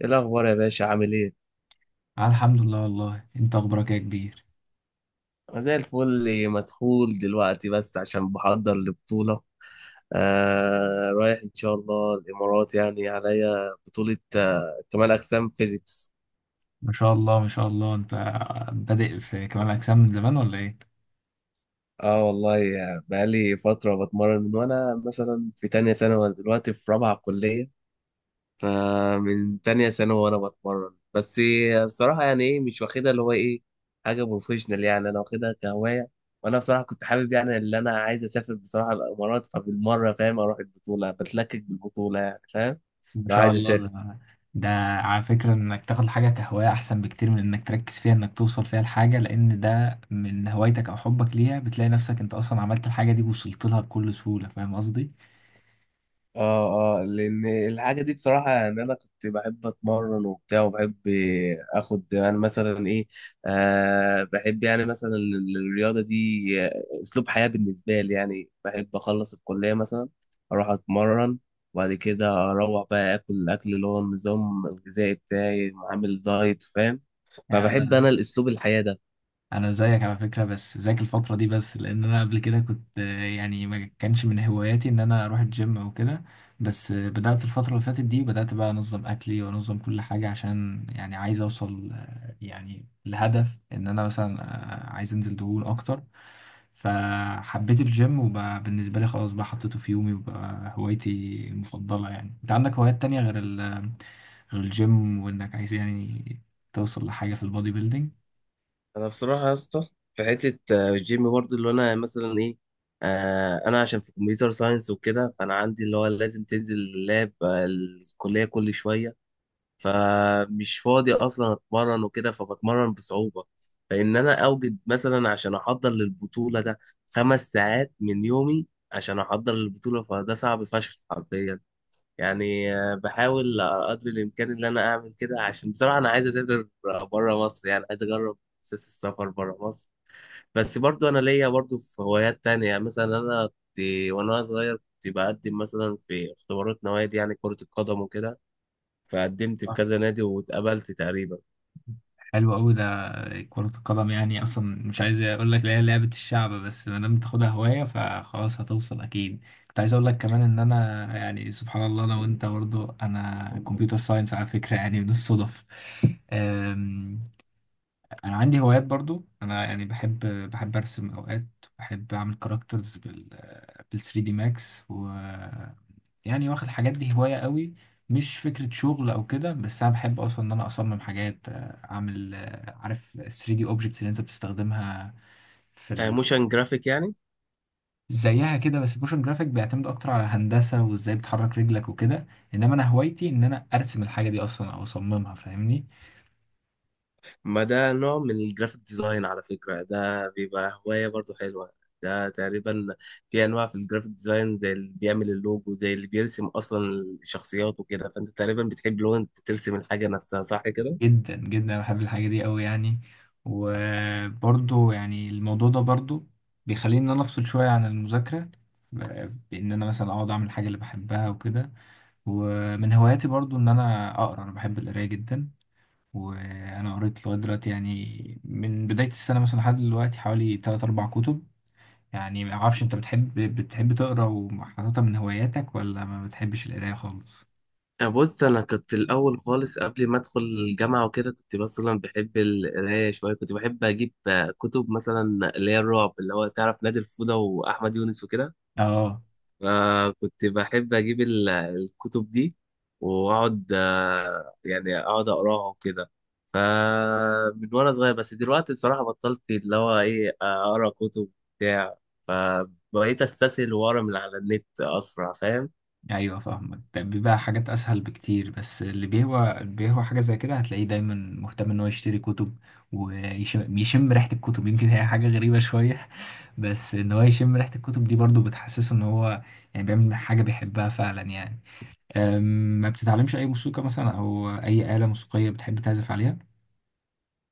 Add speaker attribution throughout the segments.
Speaker 1: ايه الاخبار يا باشا عامل ايه؟
Speaker 2: الحمد لله. والله، انت اخبارك إيه يا كبير؟
Speaker 1: انا زي الفل مسحول دلوقتي بس عشان بحضر لبطوله. آه رايح ان شاء الله الامارات، يعني عليا بطوله كمال اجسام فيزيكس.
Speaker 2: ما شاء الله ما شاء الله، انت بادئ في كمال اجسام من زمان ولا ايه؟
Speaker 1: اه والله، بقالي فتره بتمرن من وانا مثلا في تانية ثانوي، دلوقتي في رابعه كليه. فمن تانية ثانوي وانا بتمرن. بس بصراحة، يعني ايه، مش واخدها اللي هو ايه، حاجة بروفيشنال. يعني انا واخدها كهواية. وانا بصراحة كنت حابب، يعني اللي انا عايز اسافر بصراحة الامارات، فبالمرة فاهم اروح البطولة بتلكك بالبطولة، يعني فاهم،
Speaker 2: ما
Speaker 1: لو
Speaker 2: شاء
Speaker 1: عايز
Speaker 2: الله.
Speaker 1: اسافر.
Speaker 2: ده على فكرة، انك تاخد حاجة كهواية احسن بكتير من انك تركز فيها انك توصل فيها لحاجة، لان ده من هوايتك او حبك ليها، بتلاقي نفسك انت اصلا عملت الحاجة دي ووصلت لها بكل سهولة. فاهم قصدي؟
Speaker 1: اه اه، لان الحاجه دي بصراحه ان انا كنت بحب اتمرن وبتاع، وبحب اخد يعني مثلا ايه، آه بحب يعني مثلا الرياضه دي، اسلوب حياه بالنسبه لي. يعني بحب اخلص الكليه مثلا، اروح اتمرن، وبعد كده اروح بقى اكل الاكل اللي هو النظام الغذائي بتاعي، عامل دايت فاهم. فبحب
Speaker 2: يعني
Speaker 1: انا الاسلوب الحياه ده.
Speaker 2: انا زيك على فكره، بس زيك الفتره دي بس، لان انا قبل كده كنت يعني ما كانش من هواياتي ان انا اروح الجيم او كده. بس بدات الفتره اللي فاتت دي، بدات بقى انظم اكلي وانظم كل حاجه، عشان يعني عايز اوصل يعني لهدف ان انا مثلا عايز انزل دهون اكتر. فحبيت الجيم، وبقى بالنسبه لي خلاص بقى حطيته في يومي وبقى هوايتي المفضله. يعني انت عندك هوايات تانية غير غير الجيم، وانك عايز يعني توصل لحاجه في البودي بيلدينج؟
Speaker 1: انا بصراحه يا اسطى في حته الجيم برضه اللي انا مثلا ايه، آه انا عشان في كمبيوتر ساينس وكده، فانا عندي اللي هو لازم تنزل اللاب الكليه كل شويه، فمش فاضي اصلا اتمرن وكده، فبتمرن بصعوبه. فان انا اوجد مثلا عشان احضر للبطوله ده 5 ساعات من يومي عشان احضر للبطوله، فده صعب فشخ حرفيا. يعني بحاول قدر الامكان ان انا اعمل كده، عشان بصراحه انا عايز اسافر بره مصر. يعني عايز اجرب احساس السفر بره مصر. بس برضو انا ليا برضو في هوايات تانية. يعني مثلا انا كنت وانا صغير كنت بقدم مثلا في اختبارات نوادي، يعني كرة القدم وكده، فقدمت في كذا نادي واتقبلت تقريبا.
Speaker 2: حلو قوي ده. كرة القدم يعني اصلا مش عايز اقول لك، لا، لعبة الشعب، بس ما دام تاخدها هواية فخلاص هتوصل اكيد. كنت عايز اقول لك كمان ان انا يعني سبحان الله، انا وانت برضو انا كمبيوتر ساينس على فكرة، يعني من الصدف. انا عندي هوايات برضو، انا يعني بحب ارسم اوقات، بحب اعمل كاركترز بال 3 دي ماكس. و يعني واخد الحاجات دي هواية قوي، مش فكرة شغل او كده، بس انا بحب اصلا ان انا اصمم حاجات، اعمل. عارف 3 دي اوبجكتس اللي انت بتستخدمها في
Speaker 1: موشن جرافيك يعني.
Speaker 2: زيها كده؟ بس الموشن جرافيك بيعتمد اكتر على هندسة وازاي بتحرك رجلك وكده، انما انا هوايتي ان انا ارسم الحاجة دي اصلا او اصممها. فاهمني؟
Speaker 1: ما ده نوع من الجرافيك ديزاين على فكرة، ده بيبقى هواية برضو حلوة. ده تقريبا في أنواع في الجرافيك ديزاين، زي اللي بيعمل اللوجو، زي اللي بيرسم أصلا الشخصيات وكده. فأنت تقريبا بتحب لو أنت ترسم الحاجة نفسها، صح كده؟
Speaker 2: جدا جدا بحب الحاجة دي قوي يعني. وبرضو يعني الموضوع ده برضو بيخليني ان انا افصل شوية عن المذاكرة، بان انا مثلا اقعد اعمل الحاجة اللي بحبها وكده. ومن هواياتي برضو ان انا اقرا، انا بحب القراية جدا. وانا قريت لغاية دلوقتي يعني، من بداية السنة مثلا لحد دلوقتي، حوالي 3 4 كتب. يعني ما اعرفش انت بتحب تقرا وحاططها من هواياتك، ولا ما بتحبش القراية خالص؟
Speaker 1: بص، أنا كنت الأول خالص قبل ما أدخل الجامعة وكده كنت مثلا بحب القراية شوية، كنت بحب أجيب كتب مثلا، اللي هي الرعب، اللي هو تعرف نادي الفودة وأحمد يونس وكده.
Speaker 2: اه.
Speaker 1: فكنت بحب اجيب الكتب دي، واقعد يعني اقعد اقراها وكده، فمن وانا صغير. بس دلوقتي بصراحة بطلت اللي هو ايه اقرا كتب بتاع، فبقيت استسهل واقرا من على النت اسرع فاهم.
Speaker 2: ايوه فاهمك، ده بيبقى حاجات اسهل بكتير، بس اللي بيهوى حاجه زي كده هتلاقيه دايما مهتم ان هو يشتري كتب، ويشم يشم ريحه الكتب يمكن هي حاجه غريبه شويه بس ان هو يشم ريحه الكتب دي برضو بتحسسه ان هو يعني بيعمل حاجه بيحبها فعلا يعني. أم، ما بتتعلمش اي موسيقى مثلا، او اي آلة موسيقيه بتحب تعزف عليها؟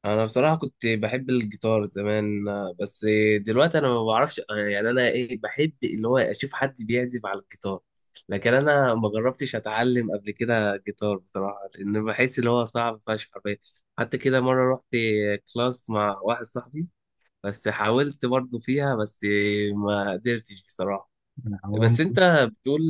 Speaker 1: انا بصراحه كنت بحب الجيتار زمان بس دلوقتي انا ما بعرفش. يعني انا ايه، بحب اللي هو اشوف حد بيعزف على الجيتار، لكن انا ما جربتش اتعلم قبل كده جيتار بصراحه، لان بحس اللي هو صعب فشخ حرفيا. حتى كده مره رحت كلاس مع واحد صاحبي، بس حاولت برضه فيها، بس ما قدرتش بصراحه.
Speaker 2: أنا عوام.
Speaker 1: بس انت بتقول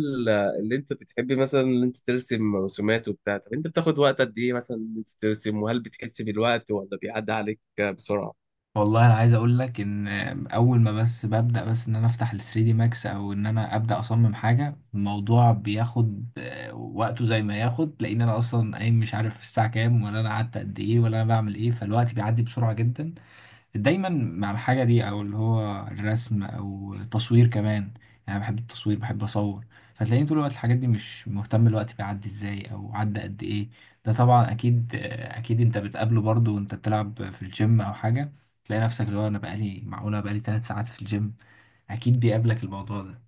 Speaker 1: اللي انت بتحبي مثلا، اللي انت ترسم رسومات وبتاع، طب انت بتاخد وقت قد ايه مثلا ان انت ترسم، وهل بتحس بالوقت ولا بيعدي عليك بسرعة؟
Speaker 2: والله انا عايز اقول لك ان اول ما بس ببدا بس ان انا افتح ال 3 دي ماكس، او ان انا ابدا اصمم حاجه، الموضوع بياخد وقته زي ما ياخد، لان انا اصلا قايم مش عارف الساعه كام، ولا انا قعدت قد ايه، ولا انا بعمل ايه. فالوقت بيعدي بسرعه جدا دايما مع الحاجة دي، أو اللي هو الرسم، أو تصوير كمان يعني. أنا بحب التصوير، بحب أصور. فتلاقيني طول الوقت الحاجات دي مش مهتم الوقت بيعدي إزاي أو عدى قد إيه. ده طبعا أكيد أكيد أنت بتقابله برضه وأنت بتلعب في الجيم أو حاجة، تلاقي نفسك اللي هو، أنا بقالي، معقولة بقالي تلات ساعات في الجيم؟ أكيد بيقابلك الموضوع ده.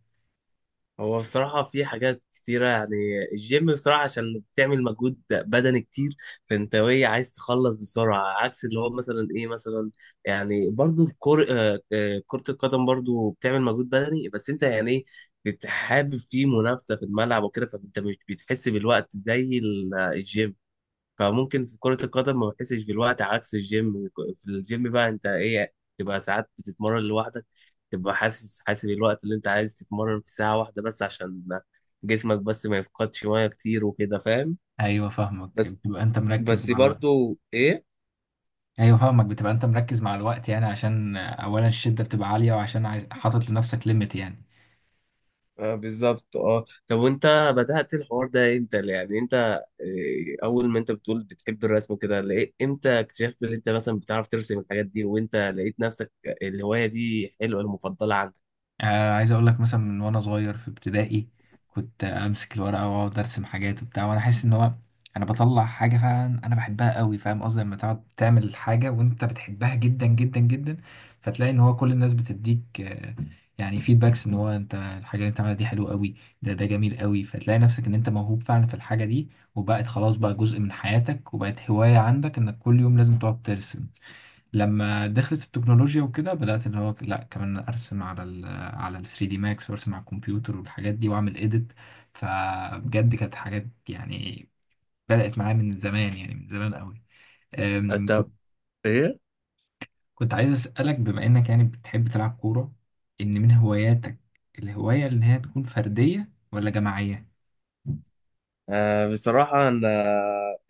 Speaker 1: هو بصراحة في حاجات كتيرة. يعني الجيم بصراحة عشان بتعمل مجهود بدني كتير، فانت وهي عايز تخلص بسرعة، عكس اللي هو مثلا ايه مثلا، يعني برضو الكر... آه، آه، كرة القدم برضو بتعمل مجهود بدني، بس انت يعني ايه بتحابب فيه منافسة في الملعب وكده، فانت مش بتحس بالوقت زي الجيم. فممكن في كرة القدم ما بحسش بالوقت عكس الجيم. في الجيم بقى انت ايه تبقى ساعات بتتمرن لوحدك، تبقى حاسب الوقت اللي انت عايز تتمرن في ساعة 1 بس، عشان جسمك بس ما يفقدش مية كتير وكده فاهم.
Speaker 2: أيوه فاهمك،
Speaker 1: بس
Speaker 2: بتبقى أنت مركز
Speaker 1: بس
Speaker 2: مع الوقت.
Speaker 1: برضو ايه،
Speaker 2: أيوه فاهمك، بتبقى أنت مركز مع الوقت، يعني عشان أولا الشدة بتبقى عالية، وعشان عايز حاطط لنفسك ليميت يعني.
Speaker 1: آه بالظبط. اه طب، وانت بدأت الحوار ده امتى؟ يعني انت إيه، اول ما انت بتقول بتحب الرسم وكده، لقيت امتى اكتشفت ان انت مثلا بتعرف ترسم الحاجات دي، وانت لقيت نفسك الهواية دي حلوة المفضلة عندك؟
Speaker 2: عايز اقول لك مثلا، من وانا صغير في ابتدائي كنت امسك الورقه واقعد ارسم حاجات وبتاع، وانا احس ان هو انا بطلع حاجه فعلا انا بحبها قوي. فاهم قصدي لما تقعد تعمل حاجه وانت بتحبها جدا جدا جدا؟ فتلاقي ان هو كل الناس بتديك يعني فيدباكس ان هو انت الحاجه اللي انت عاملها دي حلوه قوي، ده جميل قوي. فتلاقي نفسك ان انت موهوب فعلا في الحاجه دي، وبقت خلاص بقى جزء من حياتك، وبقت هوايه عندك انك كل يوم لازم تقعد ترسم. لما دخلت التكنولوجيا وكده بدأت اللي هو، لا كمان ارسم على ال 3 دي ماكس، وارسم على الكمبيوتر والحاجات دي واعمل اديت. فبجد كانت حاجات يعني بدأت معايا من زمان، يعني من زمان قوي. أم،
Speaker 1: طب ايه،
Speaker 2: كنت عايز أسألك، بما انك يعني بتحب تلعب كورة ان من هواياتك، الهواية اللي هي تكون فردية ولا جماعية؟
Speaker 1: آه بصراحة أنا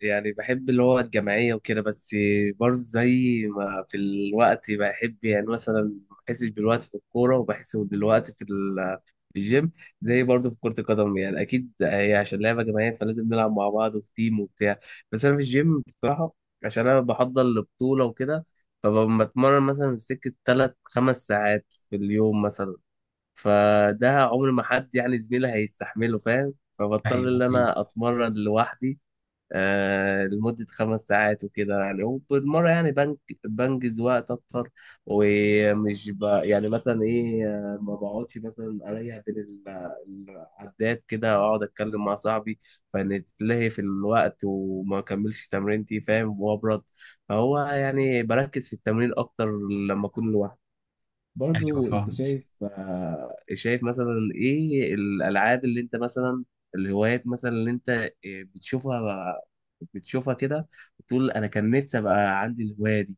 Speaker 1: يعني بحب اللي هو الجماعية وكده، بس برضه زي ما في الوقت، بحب يعني مثلا ما بحسش بالوقت في الكورة، وبحس بالوقت في في الجيم. زي برضه في كرة القدم، يعني أكيد هي عشان لعبة جماعية فلازم نلعب مع بعض وفي تيم وبتاع. بس أنا في الجيم بصراحة عشان أنا بحضر لبطولة وكده، فبتمرن مثلا في سكة 3 5 ساعات في اليوم مثلا، فده عمر ما حد يعني زميلي هيستحمله فاهم، فبضطر ان
Speaker 2: ايوه، ايوه،
Speaker 1: انا اتمرن لوحدي آه لمدة 5 ساعات وكده. يعني وبالمرة يعني بنجز وقت أكتر، ومش يعني مثلا إيه، ما بقعدش مثلا أريح بين العدات كده، أقعد أتكلم مع صاحبي فنتلهي في الوقت وما أكملش تمرينتي فاهم، وأبرد. فهو يعني بركز في التمرين أكتر لما أكون لوحدي.
Speaker 2: ايوه،
Speaker 1: برضو انت
Speaker 2: فاهم.
Speaker 1: شايف، شايف مثلا ايه الالعاب اللي انت مثلا، الهوايات مثلا اللي انت بتشوفها بتشوفها كده وتقول انا كان نفسي ابقى عندي الهوايه دي؟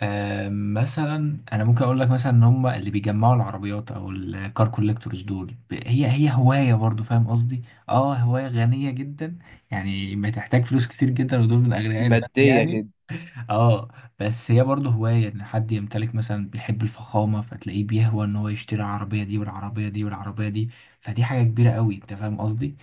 Speaker 2: آه، مثلا انا ممكن اقول لك مثلا ان هم اللي بيجمعوا العربيات، او الكار كوليكتورز دول، هي هوايه برضو، فاهم قصدي؟ اه، هوايه غنيه جدا، يعني بتحتاج فلوس كتير جدا، ودول من اغنياء البلد
Speaker 1: ماديه
Speaker 2: يعني.
Speaker 1: كده.
Speaker 2: اه. بس هي برضو هوايه، ان حد يمتلك مثلا، بيحب الفخامه فتلاقيه بيهوى ان هو يشتري العربيه دي، والعربيه دي، والعربيه دي. فدي حاجه كبيره قوي، انت فاهم قصدي؟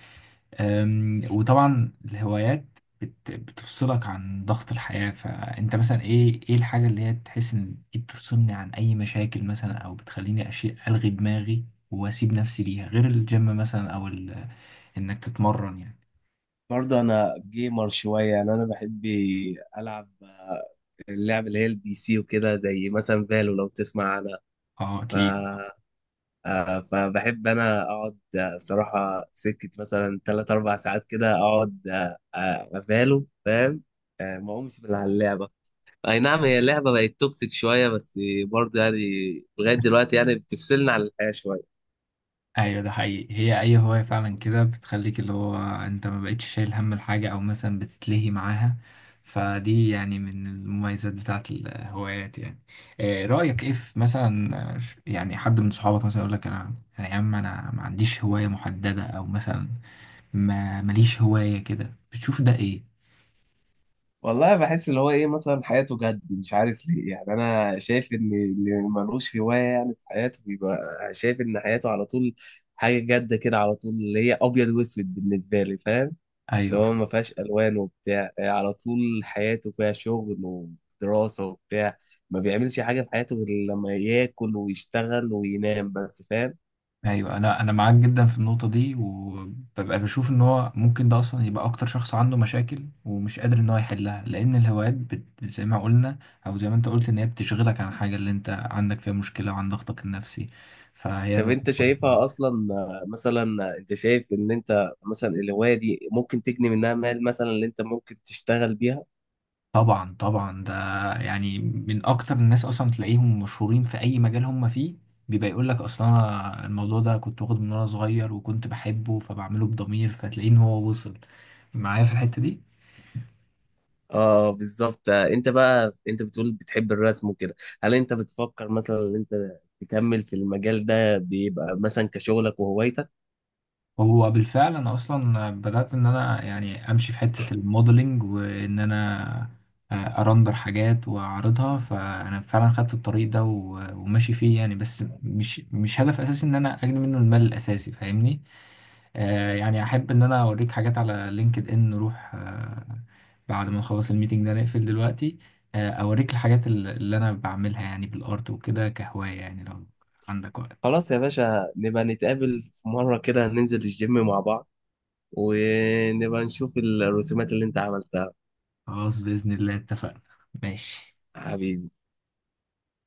Speaker 2: وطبعا الهوايات بتفصلك عن ضغط الحياة. فأنت مثلا إيه، إيه الحاجة اللي هي تحس إن دي بتفصلني عن أي مشاكل مثلا، أو بتخليني أشيء ألغي دماغي، وأسيب نفسي ليها، غير الجيم مثلا أو إنك تتمرن يعني؟
Speaker 1: برضو انا جيمر شويه، يعني انا بحب العب اللعب اللي هي البي سي وكده، زي مثلا فالو، لو تسمع
Speaker 2: أه أكيد.
Speaker 1: عنها. فبحب انا اقعد، بصراحه سكه مثلا 3 4 ساعات كده اقعد افاله فاهم، ما اقومش من على اللعبه. اي نعم، هي اللعبه بقت توكسيك شويه، بس برضه يعني لغايه دلوقتي يعني بتفصلنا عن الحياه شويه.
Speaker 2: ايوه ده حقيقي، هي اي هواية فعلا كده بتخليك اللي هو انت ما بقتش شايل هم الحاجة، او مثلا بتتلهي معاها، فدي يعني من المميزات بتاعت الهوايات يعني. رأيك ايه في مثلا، يعني حد من صحابك مثلا يقول لك، انا يا عم انا ما عنديش هواية محددة، او مثلا ما ماليش هواية كده، بتشوف ده ايه؟
Speaker 1: والله بحس اللي هو ايه مثلا، حياته جد مش عارف ليه. يعني انا شايف ان اللي ملوش هوايه يعني في حياته، بيبقى شايف ان حياته على طول حاجه جد كده، على طول اللي هي ابيض واسود بالنسبه لي فاهم، اللي
Speaker 2: ايوه،
Speaker 1: هو ما فيهاش الوان وبتاع. على طول حياته فيها شغل ودراسه وبتاع، ما بيعملش حاجه في حياته غير لما ياكل ويشتغل وينام بس فاهم.
Speaker 2: ايوه، انا معاك جدا في النقطه دي، وببقى بشوف ان هو ممكن ده اصلا يبقى اكتر شخص عنده مشاكل ومش قادر ان هو يحلها، لان الهوايات زي ما قلنا، او زي ما انت قلت، ان هي بتشغلك عن الحاجه اللي انت عندك فيها مشكله وعن ضغطك النفسي. فهي
Speaker 1: طب
Speaker 2: نقطة
Speaker 1: انت
Speaker 2: كويسة
Speaker 1: شايفها
Speaker 2: جداً.
Speaker 1: اصلا آه، مثلا آه، انت شايف ان انت مثلا الهوايه دي ممكن تجني منها مال مثلا، اللي انت ممكن تشتغل بيها؟
Speaker 2: طبعا طبعا، ده يعني من اكتر الناس اصلا تلاقيهم مشهورين في اي مجال هم فيه، بيبقى يقول لك اصلا، أنا الموضوع ده كنت واخده من وانا صغير وكنت بحبه فبعمله بضمير، فتلاقيه ان هو وصل معايا في الحته دي.
Speaker 1: اه بالظبط. انت بقى انت بتقول بتحب الرسم وكده، هل انت بتفكر مثلا ان انت تكمل في المجال ده بيبقى مثلا كشغلك وهوايتك؟
Speaker 2: هو بالفعل انا اصلا بدات ان انا يعني امشي في حته الموديلنج، وان انا آه، ارندر حاجات واعرضها، فانا فعلا خدت الطريق ده وماشي فيه يعني، بس مش هدف اساسي ان انا اجني منه المال الاساسي، فاهمني؟ آه، يعني احب ان انا اوريك حاجات على لينكد ان، نروح آه بعد ما نخلص الميتنج ده نقفل دلوقتي، آه اوريك الحاجات اللي انا بعملها يعني بالارت وكده كهوايه، يعني لو عندك وقت.
Speaker 1: خلاص يا باشا، نبقى نتقابل في مرة كده ننزل الجيم مع بعض، ونبقى نشوف الرسومات اللي انت عملتها.
Speaker 2: خلاص باذن الله، اتفقنا. ماشي.
Speaker 1: حبيبي.